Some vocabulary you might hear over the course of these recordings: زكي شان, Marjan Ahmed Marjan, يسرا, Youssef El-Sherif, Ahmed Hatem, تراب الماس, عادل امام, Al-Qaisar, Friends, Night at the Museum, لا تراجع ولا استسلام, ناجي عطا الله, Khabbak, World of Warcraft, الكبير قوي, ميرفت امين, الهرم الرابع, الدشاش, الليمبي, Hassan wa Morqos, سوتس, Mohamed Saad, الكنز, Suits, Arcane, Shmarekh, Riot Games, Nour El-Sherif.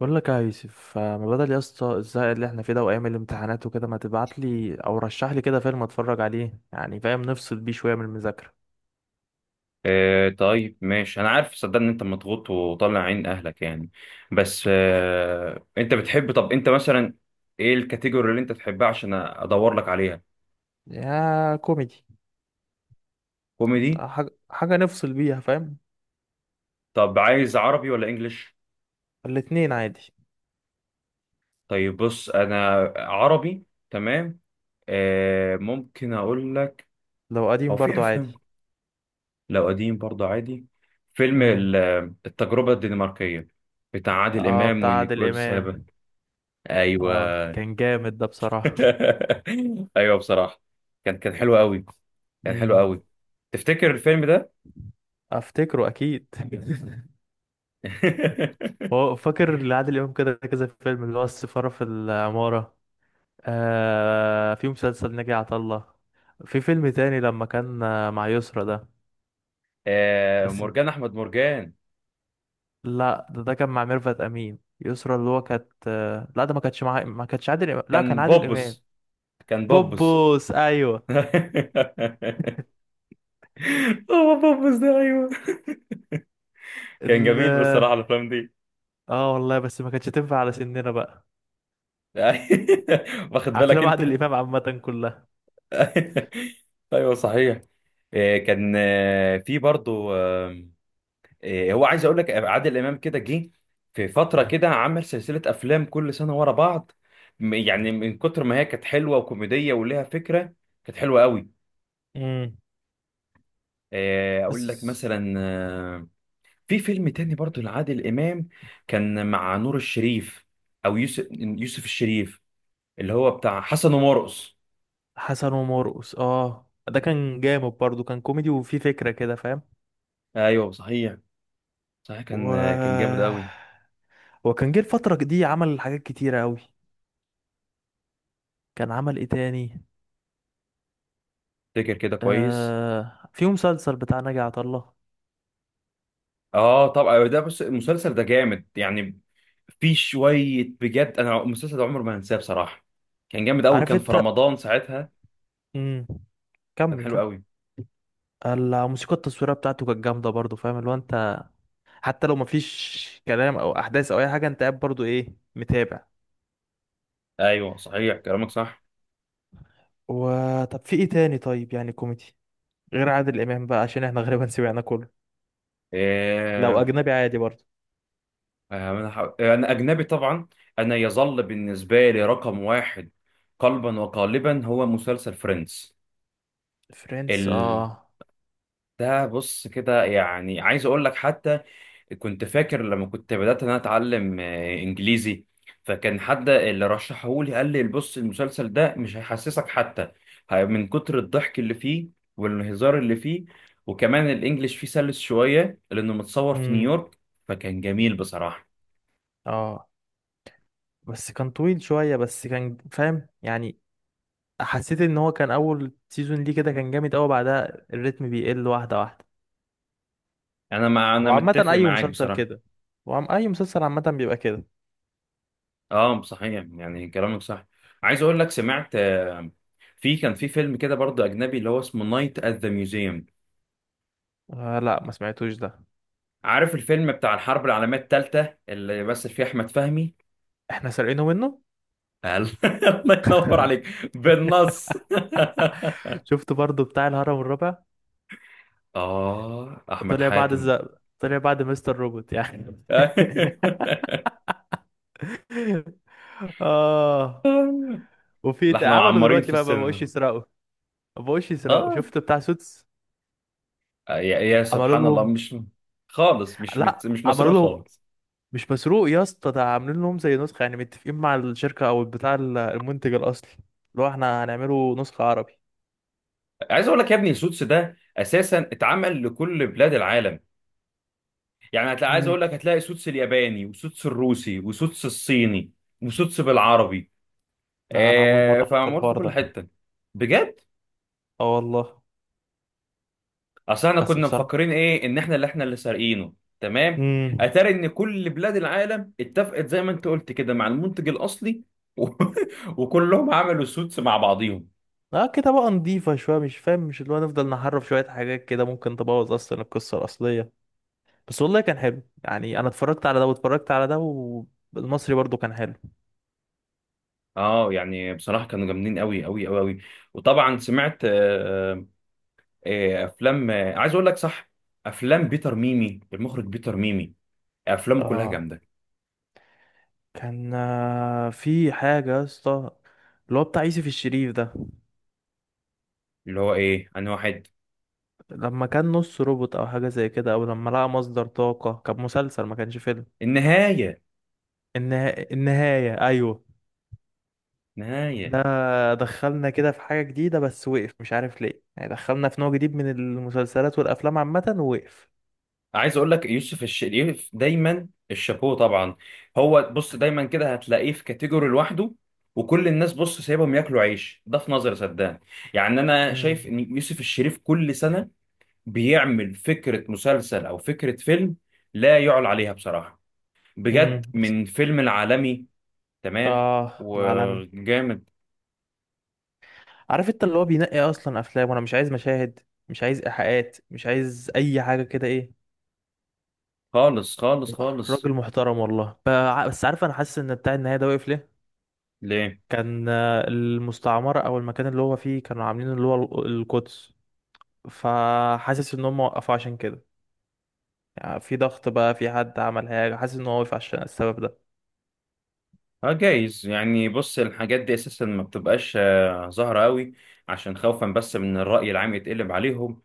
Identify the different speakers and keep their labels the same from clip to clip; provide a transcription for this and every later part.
Speaker 1: بقول لك يا يوسف، ما بدل يا اسطى الزهق اللي احنا فيه ده وايام الامتحانات وكده، ما تبعت لي او رشح لي كده فيلم اتفرج عليه، يعني فاهم، نفصل بيه شويه من المذاكره.
Speaker 2: آه، طيب، ماشي. انا عارف صدق ان انت مضغوط وطالع عين اهلك يعني. بس انت بتحب؟ طب انت مثلا ايه الكاتيجوري اللي انت تحبها عشان ادور لك عليها؟
Speaker 1: يا كوميدي،
Speaker 2: كوميدي.
Speaker 1: حاجه حاجه نفصل بيها، فاهم.
Speaker 2: طب عايز عربي ولا انجليش؟
Speaker 1: الاتنين عادي.
Speaker 2: طيب بص، انا عربي تمام. ممكن اقول لك.
Speaker 1: لو
Speaker 2: هو
Speaker 1: قديم
Speaker 2: في
Speaker 1: برضو عادي.
Speaker 2: افلام؟ لو قديم برضه عادي. فيلم
Speaker 1: امم
Speaker 2: التجربة الدنماركية، بتاع عادل
Speaker 1: اه،
Speaker 2: امام
Speaker 1: بتاع عادل
Speaker 2: ونيكول
Speaker 1: امام.
Speaker 2: سابا.
Speaker 1: اه،
Speaker 2: ايوه.
Speaker 1: كان جامد ده بصراحه.
Speaker 2: ايوه بصراحه، كان حلو قوي، كان حلو
Speaker 1: امم
Speaker 2: قوي. تفتكر الفيلم ده؟
Speaker 1: افتكره اكيد. هو فاكر لعادل امام كده كذا فيلم، اللي هو السفاره في العماره. آه، في مسلسل ناجي عطا الله. في فيلم تاني لما كان مع يسرا ده. بس
Speaker 2: مرجان احمد مرجان.
Speaker 1: لا، ده كان مع ميرفت امين يسرا، اللي هو كانت لا، ده ما كانتش مع، ما كانتش عادل امام، لا كان
Speaker 2: كان
Speaker 1: عادل امام.
Speaker 2: بوبس، كان بوبس.
Speaker 1: بوبوس ايوه.
Speaker 2: هو بوبس ده، ايوه. كان
Speaker 1: ال،
Speaker 2: جميل بصراحه الافلام دي.
Speaker 1: اه والله، بس ما كانتش تنفع على سننا بقى.
Speaker 2: واخد بالك
Speaker 1: افلام
Speaker 2: انت.
Speaker 1: عادل امام عامه كلها.
Speaker 2: ايوه صحيح. آه، كان آه، في برضو. هو عايز اقول لك عادل امام كده جه في فتره كده، عمل سلسله افلام كل سنه ورا بعض. يعني من كتر ما هي كانت حلوه وكوميديه وليها فكره، كانت حلوه قوي.
Speaker 1: امم
Speaker 2: اقول لك
Speaker 1: بس،
Speaker 2: مثلا. في فيلم تاني برضو لعادل امام، كان مع نور الشريف. او يوسف الشريف، اللي هو بتاع حسن ومرقص.
Speaker 1: حسن ومرقص. اه ده كان جامد برضو، كان كوميدي وفيه فكرة كده، فاهم.
Speaker 2: ايوه صحيح. صحيح،
Speaker 1: و...
Speaker 2: كان جامد قوي.
Speaker 1: وكان جه الفترة دي عمل حاجات كتيرة أوي. كان عمل ايه تاني؟
Speaker 2: فاكر كده كويس.
Speaker 1: آه، في مسلسل بتاع ناجي عطا الله.
Speaker 2: اه طبعا، ده بص المسلسل ده جامد يعني. في شويه بجد، انا المسلسل ده عمر ما هنساه بصراحه. كان جامد قوي،
Speaker 1: عارف
Speaker 2: كان في
Speaker 1: انت.
Speaker 2: رمضان ساعتها.
Speaker 1: امم
Speaker 2: كان
Speaker 1: كمل
Speaker 2: حلو
Speaker 1: كمل.
Speaker 2: قوي.
Speaker 1: الموسيقى التصويريه بتاعته كانت جامده برضو، فاهم اللي هو انت، حتى لو مفيش كلام او احداث او اي حاجه، انت قاعد برضو ايه، متابع.
Speaker 2: ايوه صحيح كلامك صح.
Speaker 1: وطب في ايه تاني طيب، يعني كوميدي، غير عادل امام بقى، عشان احنا غالبا سمعنا كله. لو
Speaker 2: آه
Speaker 1: اجنبي عادي برضو.
Speaker 2: أنا اجنبي طبعا. انا يظل بالنسبه لي رقم واحد قلبا وقالبا هو مسلسل فريندز.
Speaker 1: فريندز
Speaker 2: ال
Speaker 1: اه.
Speaker 2: ده بص كده، يعني عايز اقول لك حتى، كنت فاكر لما كنت بدأت ان انا اتعلم انجليزي. فكان حد اللي رشحهولي قال لي بص المسلسل ده مش هيحسسك حتى، من كتر الضحك اللي فيه والهزار اللي فيه، وكمان الانجليش فيه سلس شوية لانه متصور في
Speaker 1: امم
Speaker 2: نيويورك. فكان جميل بصراحة.
Speaker 1: اه، بس كان طويل شويه، بس كان فاهم يعني. حسيت ان هو كان اول سيزون ليه كده كان جامد قوي، بعدها الريتم بيقل واحده واحده.
Speaker 2: انا
Speaker 1: وعامه
Speaker 2: متفق
Speaker 1: اي
Speaker 2: معاك
Speaker 1: مسلسل
Speaker 2: بصراحة.
Speaker 1: كده. اي مسلسل عامه بيبقى كده.
Speaker 2: اه صحيح يعني كلامك صح. عايز اقول لك سمعت، كان في فيلم كده برضه اجنبي اللي هو اسمه نايت ات ذا ميوزيوم.
Speaker 1: آه، لا ما سمعتوش ده.
Speaker 2: عارف الفيلم بتاع الحرب العالمية الثالثة اللي مثل فيه أحمد فهمي؟
Speaker 1: احنا سارقينه منه.
Speaker 2: قال. الله ينور عليك. بالنص.
Speaker 1: شفت برضو بتاع الهرم الرابع؟
Speaker 2: أحمد
Speaker 1: طلع بعد
Speaker 2: حاتم.
Speaker 1: الزق، طلع بعد مستر روبوت يعني. اه.
Speaker 2: لا احنا
Speaker 1: عملوا
Speaker 2: معمرين
Speaker 1: دلوقتي
Speaker 2: في
Speaker 1: بقى ما بقوش
Speaker 2: السينما.
Speaker 1: يسرقوا. ما بقوش يسرقوا،
Speaker 2: آه
Speaker 1: شفت بتاع سوتس؟
Speaker 2: يا
Speaker 1: عملوا
Speaker 2: سبحان الله.
Speaker 1: لهم.
Speaker 2: مش خالص، مش
Speaker 1: لا،
Speaker 2: مت- مش مسروق
Speaker 1: عملوا لهم.
Speaker 2: خالص.
Speaker 1: مش مسروق يا اسطى، ده عاملين لهم زي نسخة، يعني متفقين مع الشركة او بتاع المنتج الاصلي، اللي هو احنا هنعمله نسخة عربي.
Speaker 2: عايز أقول لك يا ابني سوتس ده أساسا اتعمل لكل بلاد العالم، يعني هتلاقي، عايز
Speaker 1: امم
Speaker 2: أقول لك، هتلاقي سوتس الياباني وسوتس الروسي وسوتس الصيني وسوتس بالعربي.
Speaker 1: لا، انا اول مرة اعرف
Speaker 2: فمعمول في
Speaker 1: الحوار
Speaker 2: كل
Speaker 1: ده.
Speaker 2: حته، بجد.
Speaker 1: اه والله.
Speaker 2: اصل احنا
Speaker 1: بس
Speaker 2: كنا
Speaker 1: بصراحة،
Speaker 2: مفكرين ايه ان احنا اللي سارقينه. تمام.
Speaker 1: امم
Speaker 2: اتاري ان كل بلاد العالم اتفقت زي ما انت قلت كده مع المنتج الاصلي، و... وكلهم عملوا سوتس مع بعضيهم.
Speaker 1: اه كده بقى نضيفة شوية، مش فاهم، مش اللي هو نفضل نحرف شوية حاجات كده، ممكن تبوظ اصلا القصة الاصلية. بس والله كان حلو يعني، انا اتفرجت على ده واتفرجت على ده. والمصري برضو كان حلو.
Speaker 2: اه يعني بصراحه كانوا جامدين قوي قوي قوي قوي. وطبعا سمعت، افلام، عايز اقول لك، صح، افلام بيتر ميمي، المخرج بيتر ميمي، افلامه كلها
Speaker 1: اه،
Speaker 2: جامده.
Speaker 1: كان في حاجة يا اسطى، اللي هو بتاع يوسف الشريف ده،
Speaker 2: اللي هو ايه، انا واحد.
Speaker 1: لما كان نص روبوت او حاجه زي كده، او لما لقى مصدر طاقه، كان مسلسل ما كانش فيلم.
Speaker 2: النهايه.
Speaker 1: النهايه ايوه.
Speaker 2: نهايه
Speaker 1: ده دخلنا كده في حاجه جديده، بس وقف مش عارف ليه، يعني دخلنا في نوع جديد من المسلسلات والافلام عامه، ووقف.
Speaker 2: عايز اقول لك يوسف الشريف دايما الشابوه طبعا. هو بص دايما كده هتلاقيه في كاتيجوري لوحده، وكل الناس بص سايبهم ياكلوا عيش. ده في نظري، صدقني، يعني انا
Speaker 1: مم.
Speaker 2: شايف ان يوسف الشريف كل سنه بيعمل فكره مسلسل او فكره فيلم لا يعلى عليها بصراحه، بجد،
Speaker 1: بس،
Speaker 2: من فيلم العالمي. تمام
Speaker 1: اه، العالمي.
Speaker 2: وجامد.
Speaker 1: عارف انت اللي هو بينقي اصلا افلام، وانا مش عايز مشاهد، مش عايز ايحاءات، مش عايز اي حاجه كده، ايه،
Speaker 2: خالص خالص خالص.
Speaker 1: راجل محترم والله. بس عارف، انا حاسس ان بتاع النهايه ده وقف ليه.
Speaker 2: ليه؟
Speaker 1: كان المستعمرة أو المكان اللي هو فيه كانوا عاملين اللي هو القدس، فحاسس إن هم وقفوا عشان كده. يعني في ضغط بقى، في حد عمل حاجة، حاسس إن هو وقف عشان السبب ده.
Speaker 2: اه جايز يعني. بص الحاجات دي اساسا ما بتبقاش ظاهره قوي، عشان خوفا بس من الراي العام يتقلب عليهم،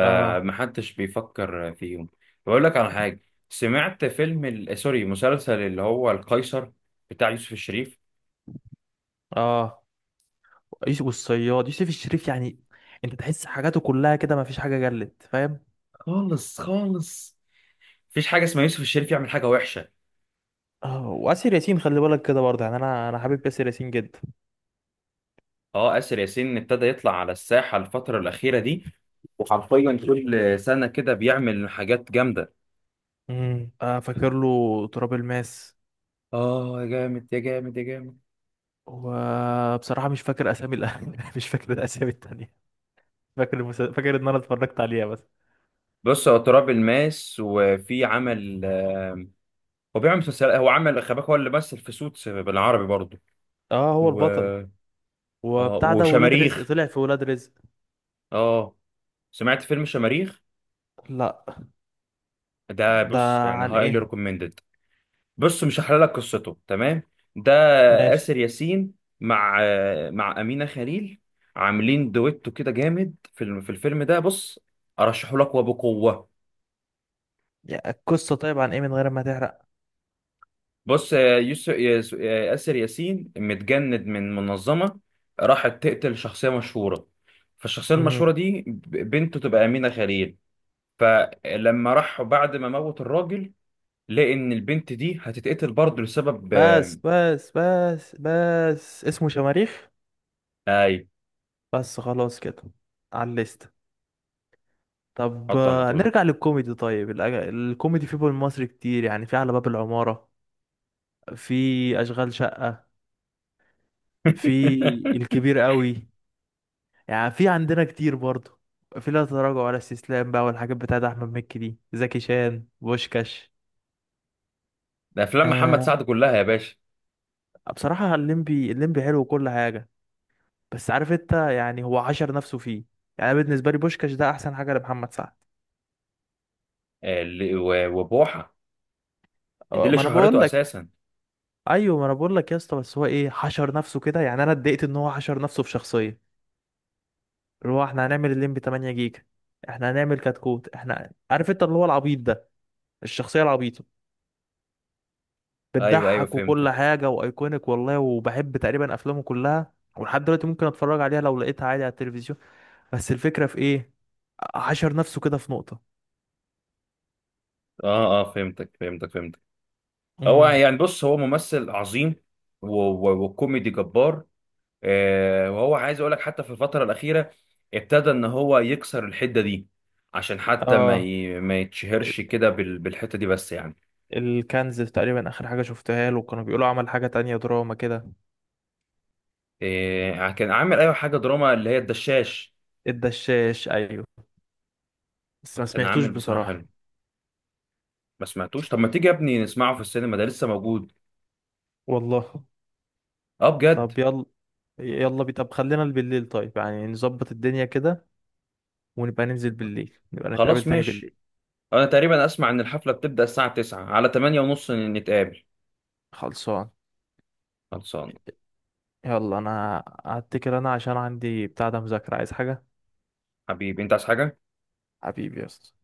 Speaker 1: اه.
Speaker 2: بيفكر فيهم. بقول لك على حاجه، سمعت فيلم ال... آه، سوري، مسلسل، اللي هو القيصر بتاع يوسف الشريف.
Speaker 1: اه، يوسف والصياد، يوسف الشريف يعني انت تحس حاجاته كلها كده ما فيش حاجة جلت، فاهم.
Speaker 2: خالص خالص. مفيش حاجه اسمها يوسف الشريف يعمل حاجه وحشه.
Speaker 1: اه، وآسر ياسين خلي بالك كده برضه، يعني انا حابب آسر ياسين جدا.
Speaker 2: اه، آسر ياسين ابتدى يطلع على الساحه الفتره الاخيره دي، وحرفيا كل سنه كده بيعمل حاجات جامده.
Speaker 1: آه، فاكر له تراب الماس.
Speaker 2: اه يا جامد يا جامد يا جامد.
Speaker 1: وبصراحة مش فاكر اسامي مش فاكر الاسامي التانية. فاكر ان انا اتفرجت عليها بس.
Speaker 2: بص، هو تراب الماس، وفي عمل، هو بيعمل مسلسل، هو عمل خباك، هو اللي مثل في سوتس بالعربي برضه.
Speaker 1: اه، هو
Speaker 2: و...
Speaker 1: البطل.
Speaker 2: آه
Speaker 1: وبتاع ده ولاد رزق،
Speaker 2: وشماريخ.
Speaker 1: طلع في ولاد رزق.
Speaker 2: اه، سمعت فيلم شماريخ؟
Speaker 1: لا.
Speaker 2: ده
Speaker 1: ده
Speaker 2: بص يعني
Speaker 1: عن
Speaker 2: هايلي
Speaker 1: ايه؟
Speaker 2: ريكومندد. بص مش هحلل لك قصته. تمام. ده
Speaker 1: ماشي.
Speaker 2: آسر ياسين مع مع أمينة خليل، عاملين دويتو كده جامد في في الفيلم ده. بص ارشحه لك وبقوة.
Speaker 1: يا القصة طيب، عن ايه من غير ما تحرق.
Speaker 2: بص، آه، يوسف ياس- آه، ياسر ياسين متجند من منظمة راحت تقتل شخصية مشهورة، فالشخصية
Speaker 1: مم.
Speaker 2: المشهورة دي بنته تبقى أمينة خليل. فلما راح بعد ما موت الراجل، لقى إن البنت دي هتتقتل برضه لسبب
Speaker 1: بس بس بس بس، اسمه شماريخ،
Speaker 2: أي.
Speaker 1: بس خلاص كده، على الليست. طب
Speaker 2: حط على طول.
Speaker 1: نرجع للكوميدي طيب. الكوميدي في بول مصر كتير، يعني في على باب العمارة، في أشغال شقة، في الكبير قوي، يعني في عندنا كتير برضه. في لا تراجع ولا استسلام بقى، والحاجات بتاعت احمد مكي دي، زكي شان، بوشكاش.
Speaker 2: ده أفلام محمد
Speaker 1: آه
Speaker 2: سعد كلها يا باشا.
Speaker 1: بصراحه الليمبي، الليمبي حلو وكل حاجه، بس عارف انت، يعني هو حشر نفسه فيه. يعني أنا بالنسبه لي بوشكاش ده احسن حاجه لمحمد سعد.
Speaker 2: آه، اللي- و- وبوحة، دي
Speaker 1: آه،
Speaker 2: اللي
Speaker 1: ما انا بقول
Speaker 2: شهرته
Speaker 1: لك.
Speaker 2: أساسا.
Speaker 1: ايوه ما انا بقول لك يا اسطى، بس هو ايه حشر نفسه كده، يعني انا اتضايقت ان هو حشر نفسه في شخصيه. اللي هو احنا هنعمل الليمبي 8 جيجا، احنا هنعمل كتكوت، احنا عارف انت اللي هو العبيط ده، الشخصيه العبيطه،
Speaker 2: أيوه أيوه
Speaker 1: بتضحك وكل
Speaker 2: فهمتك.
Speaker 1: حاجة وايكونيك والله، وبحب تقريبا افلامه كلها، ولحد دلوقتي ممكن اتفرج عليها لو لقيتها عادي على التلفزيون. بس الفكرة في ايه، حشر نفسه كده في نقطة.
Speaker 2: أه أه فهمتك فهمتك فهمتك. هو
Speaker 1: امم
Speaker 2: يعني بص هو ممثل عظيم و- و- وكوميدي جبار. وهو عايز اقول لك حتى في الفترة الأخيرة ابتدى ان هو يكسر الحدة دي، عشان حتى ما
Speaker 1: اه،
Speaker 2: ما يتشهرش كده بال- بالحتة دي بس يعني.
Speaker 1: الكنز تقريبا اخر حاجة شفتها له، كانوا بيقولوا عمل حاجة تانية دراما كده.
Speaker 2: كان عامل، ايوه، حاجة دراما اللي هي الدشاش.
Speaker 1: الدشاش ايوه، بس ما
Speaker 2: كان
Speaker 1: سمعتوش
Speaker 2: عامل بصراحة
Speaker 1: بصراحة.
Speaker 2: حلو. ما سمعتوش؟ طب ما تيجي يا ابني نسمعه في السينما، ده لسه موجود.
Speaker 1: والله.
Speaker 2: اه بجد.
Speaker 1: طب يلا، يلا بي، طب خلينا بالليل طيب، يعني نظبط الدنيا كده، ونبقى ننزل بالليل، نبقى نتقابل
Speaker 2: خلاص
Speaker 1: تاني
Speaker 2: ماشي.
Speaker 1: بالليل.
Speaker 2: انا تقريبا اسمع ان الحفلة بتبدأ الساعة 9 على 8 ونص، نتقابل.
Speaker 1: خلصان.
Speaker 2: خلصان.
Speaker 1: يلا انا هتكل، انا عشان عندي بتاع ده مذاكرة، عايز حاجة؟
Speaker 2: حبيبي، انت عايز حاجة؟
Speaker 1: حبيبي يا اسطى.